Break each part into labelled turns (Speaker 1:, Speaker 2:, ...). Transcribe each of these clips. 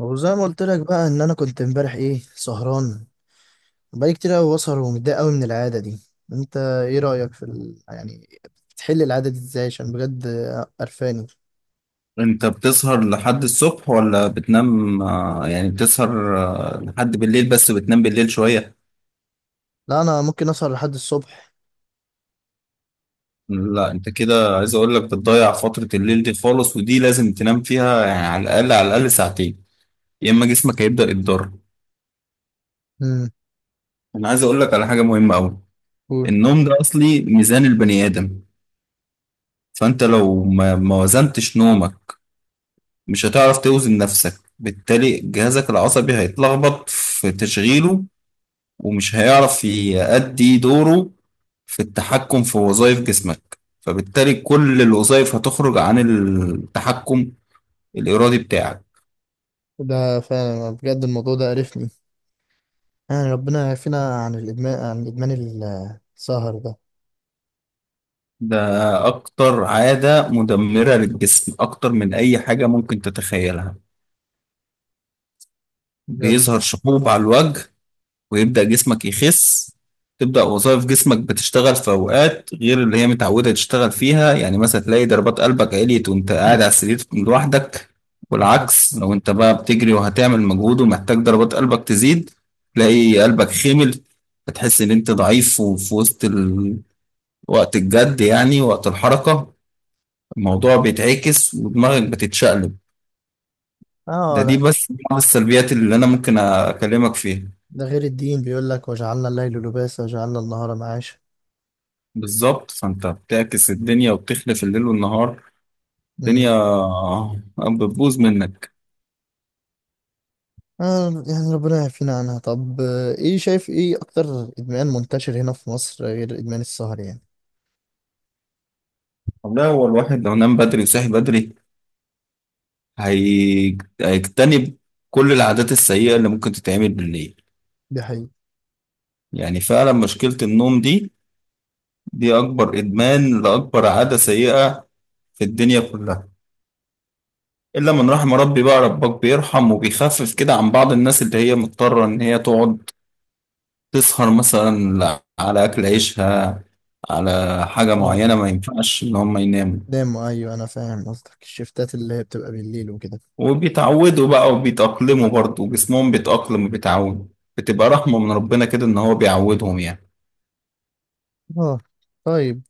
Speaker 1: وزي ما قلت لك بقى ان انا كنت امبارح سهران، بقالي كتير قوي بسهر ومتضايق قوي من العاده دي. انت ايه رايك في يعني بتحل العاده دي ازاي؟ عشان بجد قرفاني.
Speaker 2: انت بتسهر لحد الصبح ولا بتنام، يعني بتسهر، لحد بالليل، بس بتنام بالليل شوية.
Speaker 1: لا، انا ممكن اسهر لحد الصبح.
Speaker 2: لا، انت كده، عايز اقول لك بتضيع فترة الليل دي خالص، ودي لازم تنام فيها يعني على الاقل ساعتين، يا اما جسمك هيبدأ يتضرر.
Speaker 1: امم.
Speaker 2: انا عايز اقول لك على حاجة مهمة قوي.
Speaker 1: قول.
Speaker 2: النوم ده اصلي ميزان البني ادم. فانت لو ما وزنتش نومك، مش هتعرف توزن نفسك، بالتالي جهازك العصبي هيتلخبط في تشغيله ومش هيعرف يأدي دوره في التحكم في وظائف جسمك، فبالتالي كل الوظائف هتخرج عن التحكم الإرادي بتاعك.
Speaker 1: ده فعلا بجد، الموضوع ده قرفني، يعني ربنا يعافينا عن الادمان عن ادمان السهر ده.
Speaker 2: ده أكتر عادة مدمرة للجسم، أكتر من أي حاجة ممكن تتخيلها.
Speaker 1: بجد.
Speaker 2: بيظهر شحوب على الوجه، ويبدأ جسمك يخس. تبدأ وظائف جسمك بتشتغل في أوقات غير اللي هي متعودة تشتغل فيها. يعني مثلا تلاقي ضربات قلبك عليت وأنت قاعد على السرير لوحدك، والعكس لو أنت بقى بتجري وهتعمل مجهود ومحتاج ضربات قلبك تزيد، تلاقي قلبك خمل. فتحس إن أنت ضعيف، وفي وسط وقت الجد يعني، وقت الحركة، الموضوع بيتعكس ودماغك بتتشقلب. ده
Speaker 1: اه،
Speaker 2: دي
Speaker 1: لا.
Speaker 2: بس بعض السلبيات اللي أنا ممكن أكلمك فيها.
Speaker 1: ده غير الدين بيقول لك وجعلنا الليل لباسا وجعلنا النهار معاشا.
Speaker 2: بالظبط. فانت بتعكس الدنيا وبتخلف الليل والنهار، الدنيا بتبوظ منك.
Speaker 1: آه، يعني ربنا يعافينا عنها. طب، ايه شايف ايه اكتر ادمان منتشر هنا في مصر غير ادمان السهر؟ يعني
Speaker 2: لا، هو الواحد لو نام بدري وصحي بدري، هيجتنب كل العادات السيئة اللي ممكن تتعمل بالليل.
Speaker 1: دي حقيقة.
Speaker 2: يعني فعلا مشكلة النوم دي، دي أكبر إدمان لأكبر عادة سيئة في الدنيا كلها، إلا من رحم ربي. بقى ربك بيرحم وبيخفف كده عن بعض الناس اللي هي مضطرة إن هي تقعد تسهر، مثلا على أكل عيشها، على حاجة
Speaker 1: اه.
Speaker 2: معينة ما ينفعش إن هم يناموا.
Speaker 1: دايم ايوه، انا فاهم قصدك، الشفتات اللي هي بتبقى بالليل وكده.
Speaker 2: وبيتعودوا بقى وبيتأقلموا برضه، جسمهم بيتأقلم وبيتعود. بتبقى رحمة من ربنا كده إن هو بيعودهم يعني.
Speaker 1: اه. طيب.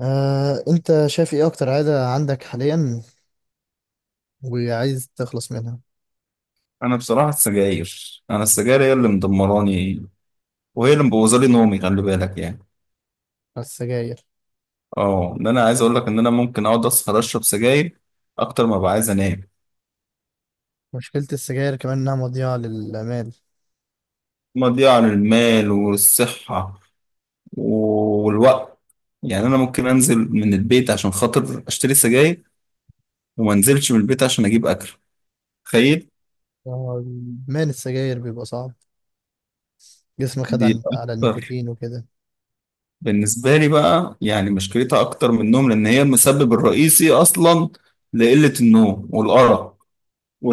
Speaker 1: انت شايف ايه اكتر عادة عندك حاليا وعايز تخلص منها؟
Speaker 2: أنا بصراحة السجاير، أنا السجاير هي اللي مدمراني وهي اللي مبوظالي نومي، خلي بالك يعني.
Speaker 1: السجاير.
Speaker 2: اه، إن أنا عايز أقول لك إن أنا ممكن أقعد أسهر أشرب سجاير أكتر ما ببقى عايز أنام.
Speaker 1: مشكلة السجاير كمان انها مضيعة للآمال.
Speaker 2: مضيعة للمال والصحة والوقت. يعني أنا ممكن أنزل من البيت عشان خاطر أشتري سجاير، وما أنزلش من البيت عشان أجيب أكل، تخيل.
Speaker 1: آه، ادمان السجاير بيبقى صعب، جسمك خد
Speaker 2: دي
Speaker 1: على
Speaker 2: أكتر
Speaker 1: النيكوتين وكده.
Speaker 2: بالنسبة لي بقى، يعني مشكلتها أكتر من النوم لأن هي المسبب الرئيسي أصلا لقلة النوم والأرق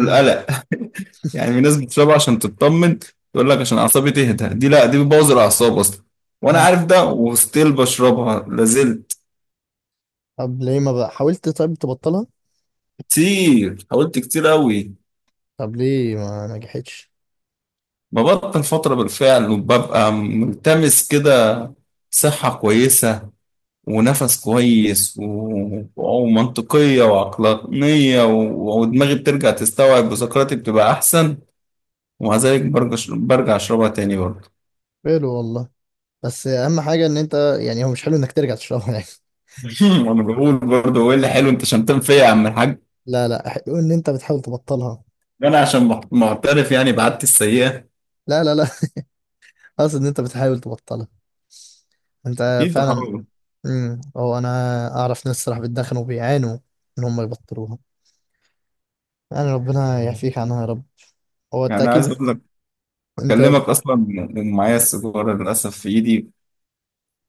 Speaker 1: امم.
Speaker 2: يعني في ناس بتشربها عشان تطمن، تقول لك عشان أعصابي تهدى. دي لا، دي بتبوظ الأعصاب أصلا، وأنا
Speaker 1: أمم.
Speaker 2: عارف ده وستيل بشربها لازلت.
Speaker 1: طب ليه ما بقى حاولت طيب تبطلها؟
Speaker 2: كتير حاولت، كتير أوي.
Speaker 1: طب ليه ما نجحتش؟
Speaker 2: ببطل فترة بالفعل، وببقى ملتمس كده صحة كويسة ونفس كويس ومنطقية وعقلانية ودماغي بترجع تستوعب وذاكرتي بتبقى أحسن. ومع ذلك برجع أشربها تاني برضه.
Speaker 1: حلو والله، بس اهم حاجه ان انت، يعني هو مش حلو انك ترجع تشربها يعني.
Speaker 2: وأنا بقول برضه هو إيه اللي حلو؟ أنت شمتان فيا يا عم الحاج.
Speaker 1: لا، لا، حلو ان انت بتحاول تبطلها.
Speaker 2: أنا عشان معترف يعني بعادتي السيئة.
Speaker 1: لا، لا، لا. اقصد ان انت بتحاول تبطلها انت
Speaker 2: أكيد
Speaker 1: فعلا.
Speaker 2: بحاول.
Speaker 1: هو انا اعرف ناس صراحه بيتدخنوا وبيعانوا ان هم يبطلوها. يعني ربنا يعفيك عنها يا رب. هو انت
Speaker 2: يعني عايز
Speaker 1: اكيد.
Speaker 2: أقول لك،
Speaker 1: انت،
Speaker 2: بكلمك أصلا معايا السيجارة للأسف في إيدي.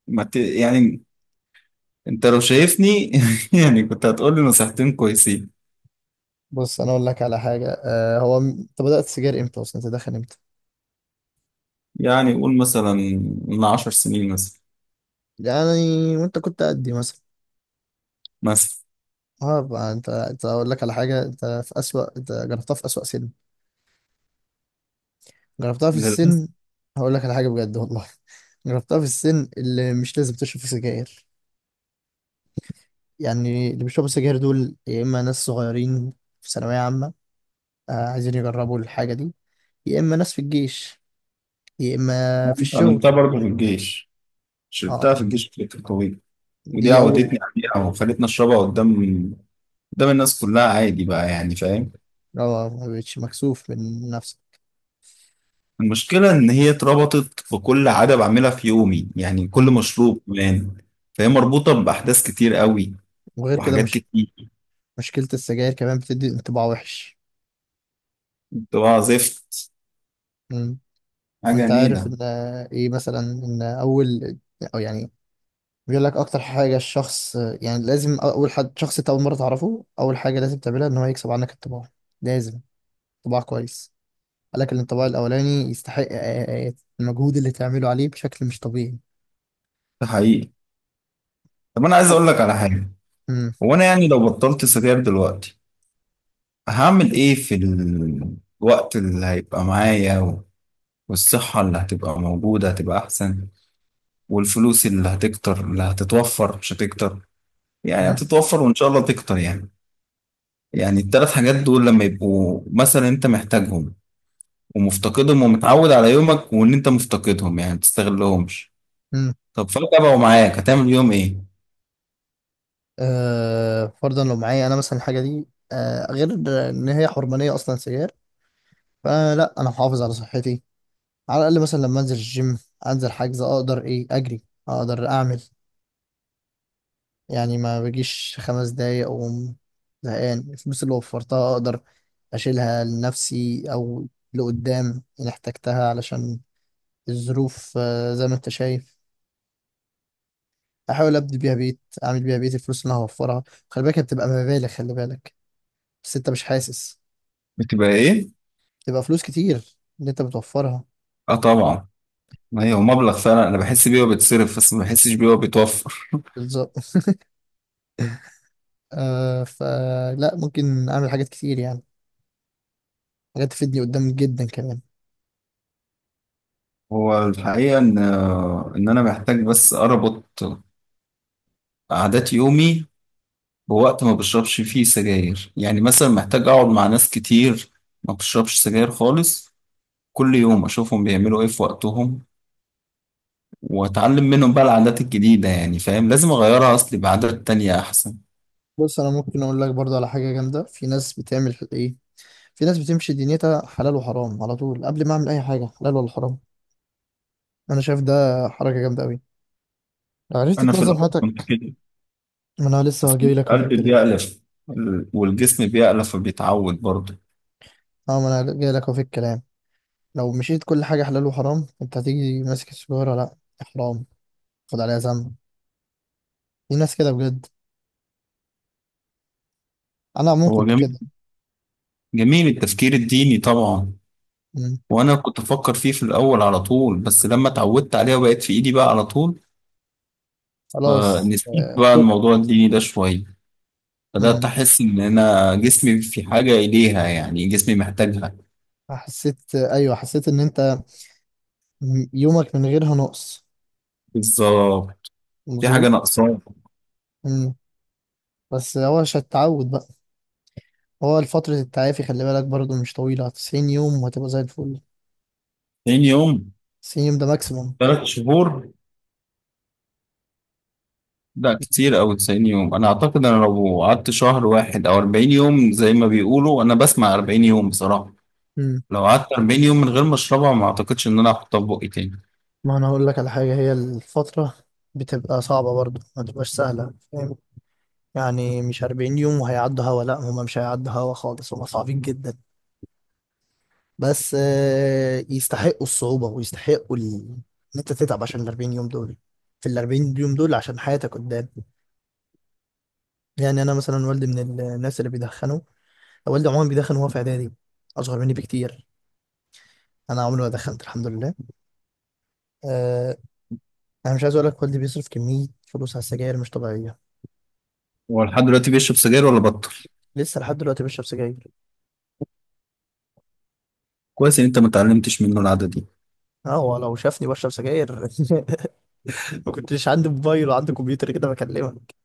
Speaker 2: ما ت... يعني أنت لو شايفني يعني كنت هتقول لي نصيحتين كويسين.
Speaker 1: بص انا اقول لك على حاجه، هو انت بدات سجاير امتى اصلا؟ تدخن امتى؟
Speaker 2: يعني قول مثلا من 10 سنين مثلا
Speaker 1: يعني وانت كنت قدي مثلا؟
Speaker 2: مثلا
Speaker 1: اه، بقى انت اقول لك على حاجه، انت جربتها في اسوأ سن، جربتها في
Speaker 2: للأسف
Speaker 1: السن، هقول لك على حاجة بجد والله. جربتها في السن اللي مش لازم تشرب فيه سجاير. يعني اللي بيشربوا سجاير دول يا إما ناس صغيرين في ثانوية عامة عايزين يجربوا الحاجة دي، يا إما ناس في الجيش، يا إما في الشغل.
Speaker 2: عملتها برضه في الجيش، شربتها في
Speaker 1: اه،
Speaker 2: الجيش كانت قوية. ودي
Speaker 1: دي أول.
Speaker 2: عودتني عليها وخلتني أشربها قدام الناس كلها عادي بقى يعني، فاهم.
Speaker 1: اه، ما بقتش مكسوف من نفسك.
Speaker 2: المشكلة إن هي اتربطت في كل عادة بعملها في يومي، يعني كل
Speaker 1: مم.
Speaker 2: مشروب كمان، فهي مربوطة بأحداث كتير قوي
Speaker 1: وغير كده،
Speaker 2: وحاجات
Speaker 1: مش
Speaker 2: كتير.
Speaker 1: مشكلة السجاير كمان بتدي انطباع وحش.
Speaker 2: بتبقى زفت،
Speaker 1: مم.
Speaker 2: حاجة
Speaker 1: وانت عارف
Speaker 2: نيلة.
Speaker 1: ان ايه مثلا، ان اول، او يعني بيقول لك اكتر حاجه الشخص، يعني لازم اول حد، شخص انت اول مره تعرفه، اول حاجه لازم تعملها ان هو يكسب عنك الطباع. لازم طباع كويس. قال لك ان الطباع الاولاني يستحق المجهود اللي تعمله عليه بشكل مش طبيعي.
Speaker 2: ده حقيقي. طب أنا عايز
Speaker 1: حد-
Speaker 2: أقول لك على حاجة.
Speaker 1: مم،
Speaker 2: هو أنا يعني لو بطلت سجاير دلوقتي، هعمل إيه في الوقت اللي هيبقى معايا؟ والصحة اللي هتبقى موجودة هتبقى أحسن، والفلوس اللي هتكتر، اللي هتتوفر مش هتكتر، يعني
Speaker 1: مم،
Speaker 2: هتتوفر وإن شاء الله تكتر يعني. يعني التلات حاجات دول لما يبقوا مثلا أنت محتاجهم ومفتقدهم ومتعود على يومك، وإن أنت مفتقدهم يعني ما تستغلهمش،
Speaker 1: مم.
Speaker 2: طب فجأة بقوا معاك هتعمل يوم إيه؟
Speaker 1: فرضا لو معايا انا مثلا الحاجه دي، غير ان هي حرمانيه اصلا سيار، فانا لا، انا محافظ على صحتي، على الاقل مثلا لما انزل الجيم انزل حاجز اقدر اجري، اقدر اعمل، يعني ما بجيش خمس دقايق أقوم زهقان. الفلوس اللي وفرتها أقدر أشيلها لنفسي أو لقدام إن احتجتها، علشان الظروف زي ما أنت شايف، أحاول أبني بيها بيت، أعمل بيها بيت، الفلوس اللي أنا هوفرها. خلي بالك، هي بتبقى مبالغ، خلي بالك، بس أنت مش حاسس.
Speaker 2: بتبقى إيه؟
Speaker 1: تبقى فلوس كتير اللي أنت بتوفرها.
Speaker 2: آه طبعا. ما هي هو مبلغ فعلا أنا بحس بيه وبيتصرف، بس ما بحسش بيه وبيتوفر.
Speaker 1: بالظبط. فلا ممكن أعمل حاجات كتير يعني، حاجات تفيدني قدام جدا كمان.
Speaker 2: هو الحقيقة إن إن أنا محتاج بس أربط عادات يومي بوقت ما بشربش فيه سجاير. يعني مثلا محتاج اقعد مع ناس كتير ما بشربش سجاير خالص، كل يوم اشوفهم بيعملوا ايه في وقتهم واتعلم منهم بقى العادات الجديدة. يعني فاهم، لازم اغيرها اصلي بعادات تانية احسن.
Speaker 1: بص، أنا ممكن أقول لك برضه على حاجة جامدة، في ناس بتعمل إيه، في ناس بتمشي دنيتها حلال وحرام على طول، قبل ما اعمل اي حاجه حلال ولا حرام. انا شايف ده حركه جامده قوي، لو عرفت
Speaker 2: انا في
Speaker 1: تنظم
Speaker 2: الاول كنت
Speaker 1: حياتك.
Speaker 2: كده،
Speaker 1: ما انا لسه
Speaker 2: بس
Speaker 1: جاي لك اهو في
Speaker 2: القلب
Speaker 1: الكلام.
Speaker 2: بيألف والجسم بيألف فبيتعود برضه.
Speaker 1: اه ما انا جاي لك اهو في الكلام. لو مشيت كل حاجه حلال وحرام، انت هتيجي ماسك السجاره، لا، حرام، خد عليها ذنب. في ناس كده بجد. انا عموما
Speaker 2: هو
Speaker 1: كنت
Speaker 2: جميل،
Speaker 1: كده.
Speaker 2: جميل التفكير الديني طبعا.
Speaker 1: مم.
Speaker 2: وانا كنت افكر فيه في الاول على طول، بس لما اتعودت عليه وبقت في ايدي بقى على طول،
Speaker 1: خلاص،
Speaker 2: فنسيت بقى
Speaker 1: توب.
Speaker 2: الموضوع الديني ده شوية. بدأت
Speaker 1: مم.
Speaker 2: أحس إن أنا جسمي في حاجة إليها، يعني جسمي محتاجها.
Speaker 1: ايوه، حسيت ان انت يومك من غيرها نقص.
Speaker 2: بالظبط، في حاجة
Speaker 1: مظبوط.
Speaker 2: ناقصاه.
Speaker 1: مم. بس هو مش هتتعود بقى، هو فترة التعافي، خلي بالك برضو مش طويلة، 90 يوم وهتبقى زي الفل.
Speaker 2: 90 يوم؟
Speaker 1: 90 يوم ده ماكسيموم.
Speaker 2: 3 شهور. لا كتير أوي 90 يوم. أنا أعتقد أنا لو قعدت شهر واحد أو 40 يوم زي ما بيقولوا، أنا بسمع 40 يوم بصراحة.
Speaker 1: مم.
Speaker 2: لو قعدت 40 يوم من غير ما أشربها ما أعتقدش إن أنا هحطها في بقي تاني.
Speaker 1: ما انا هقول لك على حاجة، هي الفترة بتبقى صعبة برضو، ما تبقاش سهلة فاهم. يعني مش 40 يوم وهيعدوا هوا، لا، هما مش هيعدوا هوا خالص، هما صعبين جدا. بس يستحقوا الصعوبة ويستحقوا ان انت تتعب عشان ال 40 يوم دول، في ال 40 يوم دول عشان حياتك قدام. يعني انا مثلا والدي من الناس اللي بيدخنوا، والدي عموما بيدخن وهو في اعدادي، اصغر مني بكتير. انا عمري ما دخلت الحمد لله. أه. انا مش عايز اقول لك، والدي بيصرف كميه فلوس على السجاير مش طبيعيه.
Speaker 2: هو لحد دلوقتي بيشرب سجاير ولا بطل؟
Speaker 1: لسه لحد دلوقتي بشرب سجاير.
Speaker 2: كويس إن أنت ما اتعلمتش منه العادة دي.
Speaker 1: اه، هو لو شافني بشرب سجاير. ما كنتش عندي موبايل وعندي كمبيوتر كده بكلمك.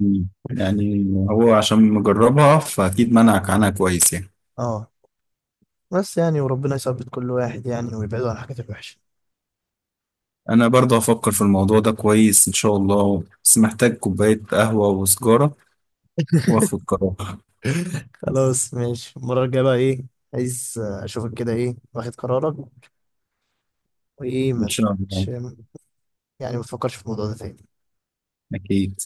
Speaker 2: مم، يعني هو عشان مجربها فأكيد منعك عنها كويس يعني.
Speaker 1: اه، بس يعني وربنا يثبت كل واحد يعني ويبعده عن الحاجات الوحشه.
Speaker 2: انا برضه هفكر في الموضوع ده كويس ان شاء الله، بس محتاج كوباية قهوة وسجارة، واخد قرار.
Speaker 1: خلاص ماشي، المره الجايه بقى ايه؟ عايز اشوفك كده ايه، واخد قرارك وايه؟
Speaker 2: ان
Speaker 1: ما
Speaker 2: شاء
Speaker 1: تكونش
Speaker 2: الله،
Speaker 1: يعني، ما تفكرش في الموضوع ده تاني.
Speaker 2: اكيد.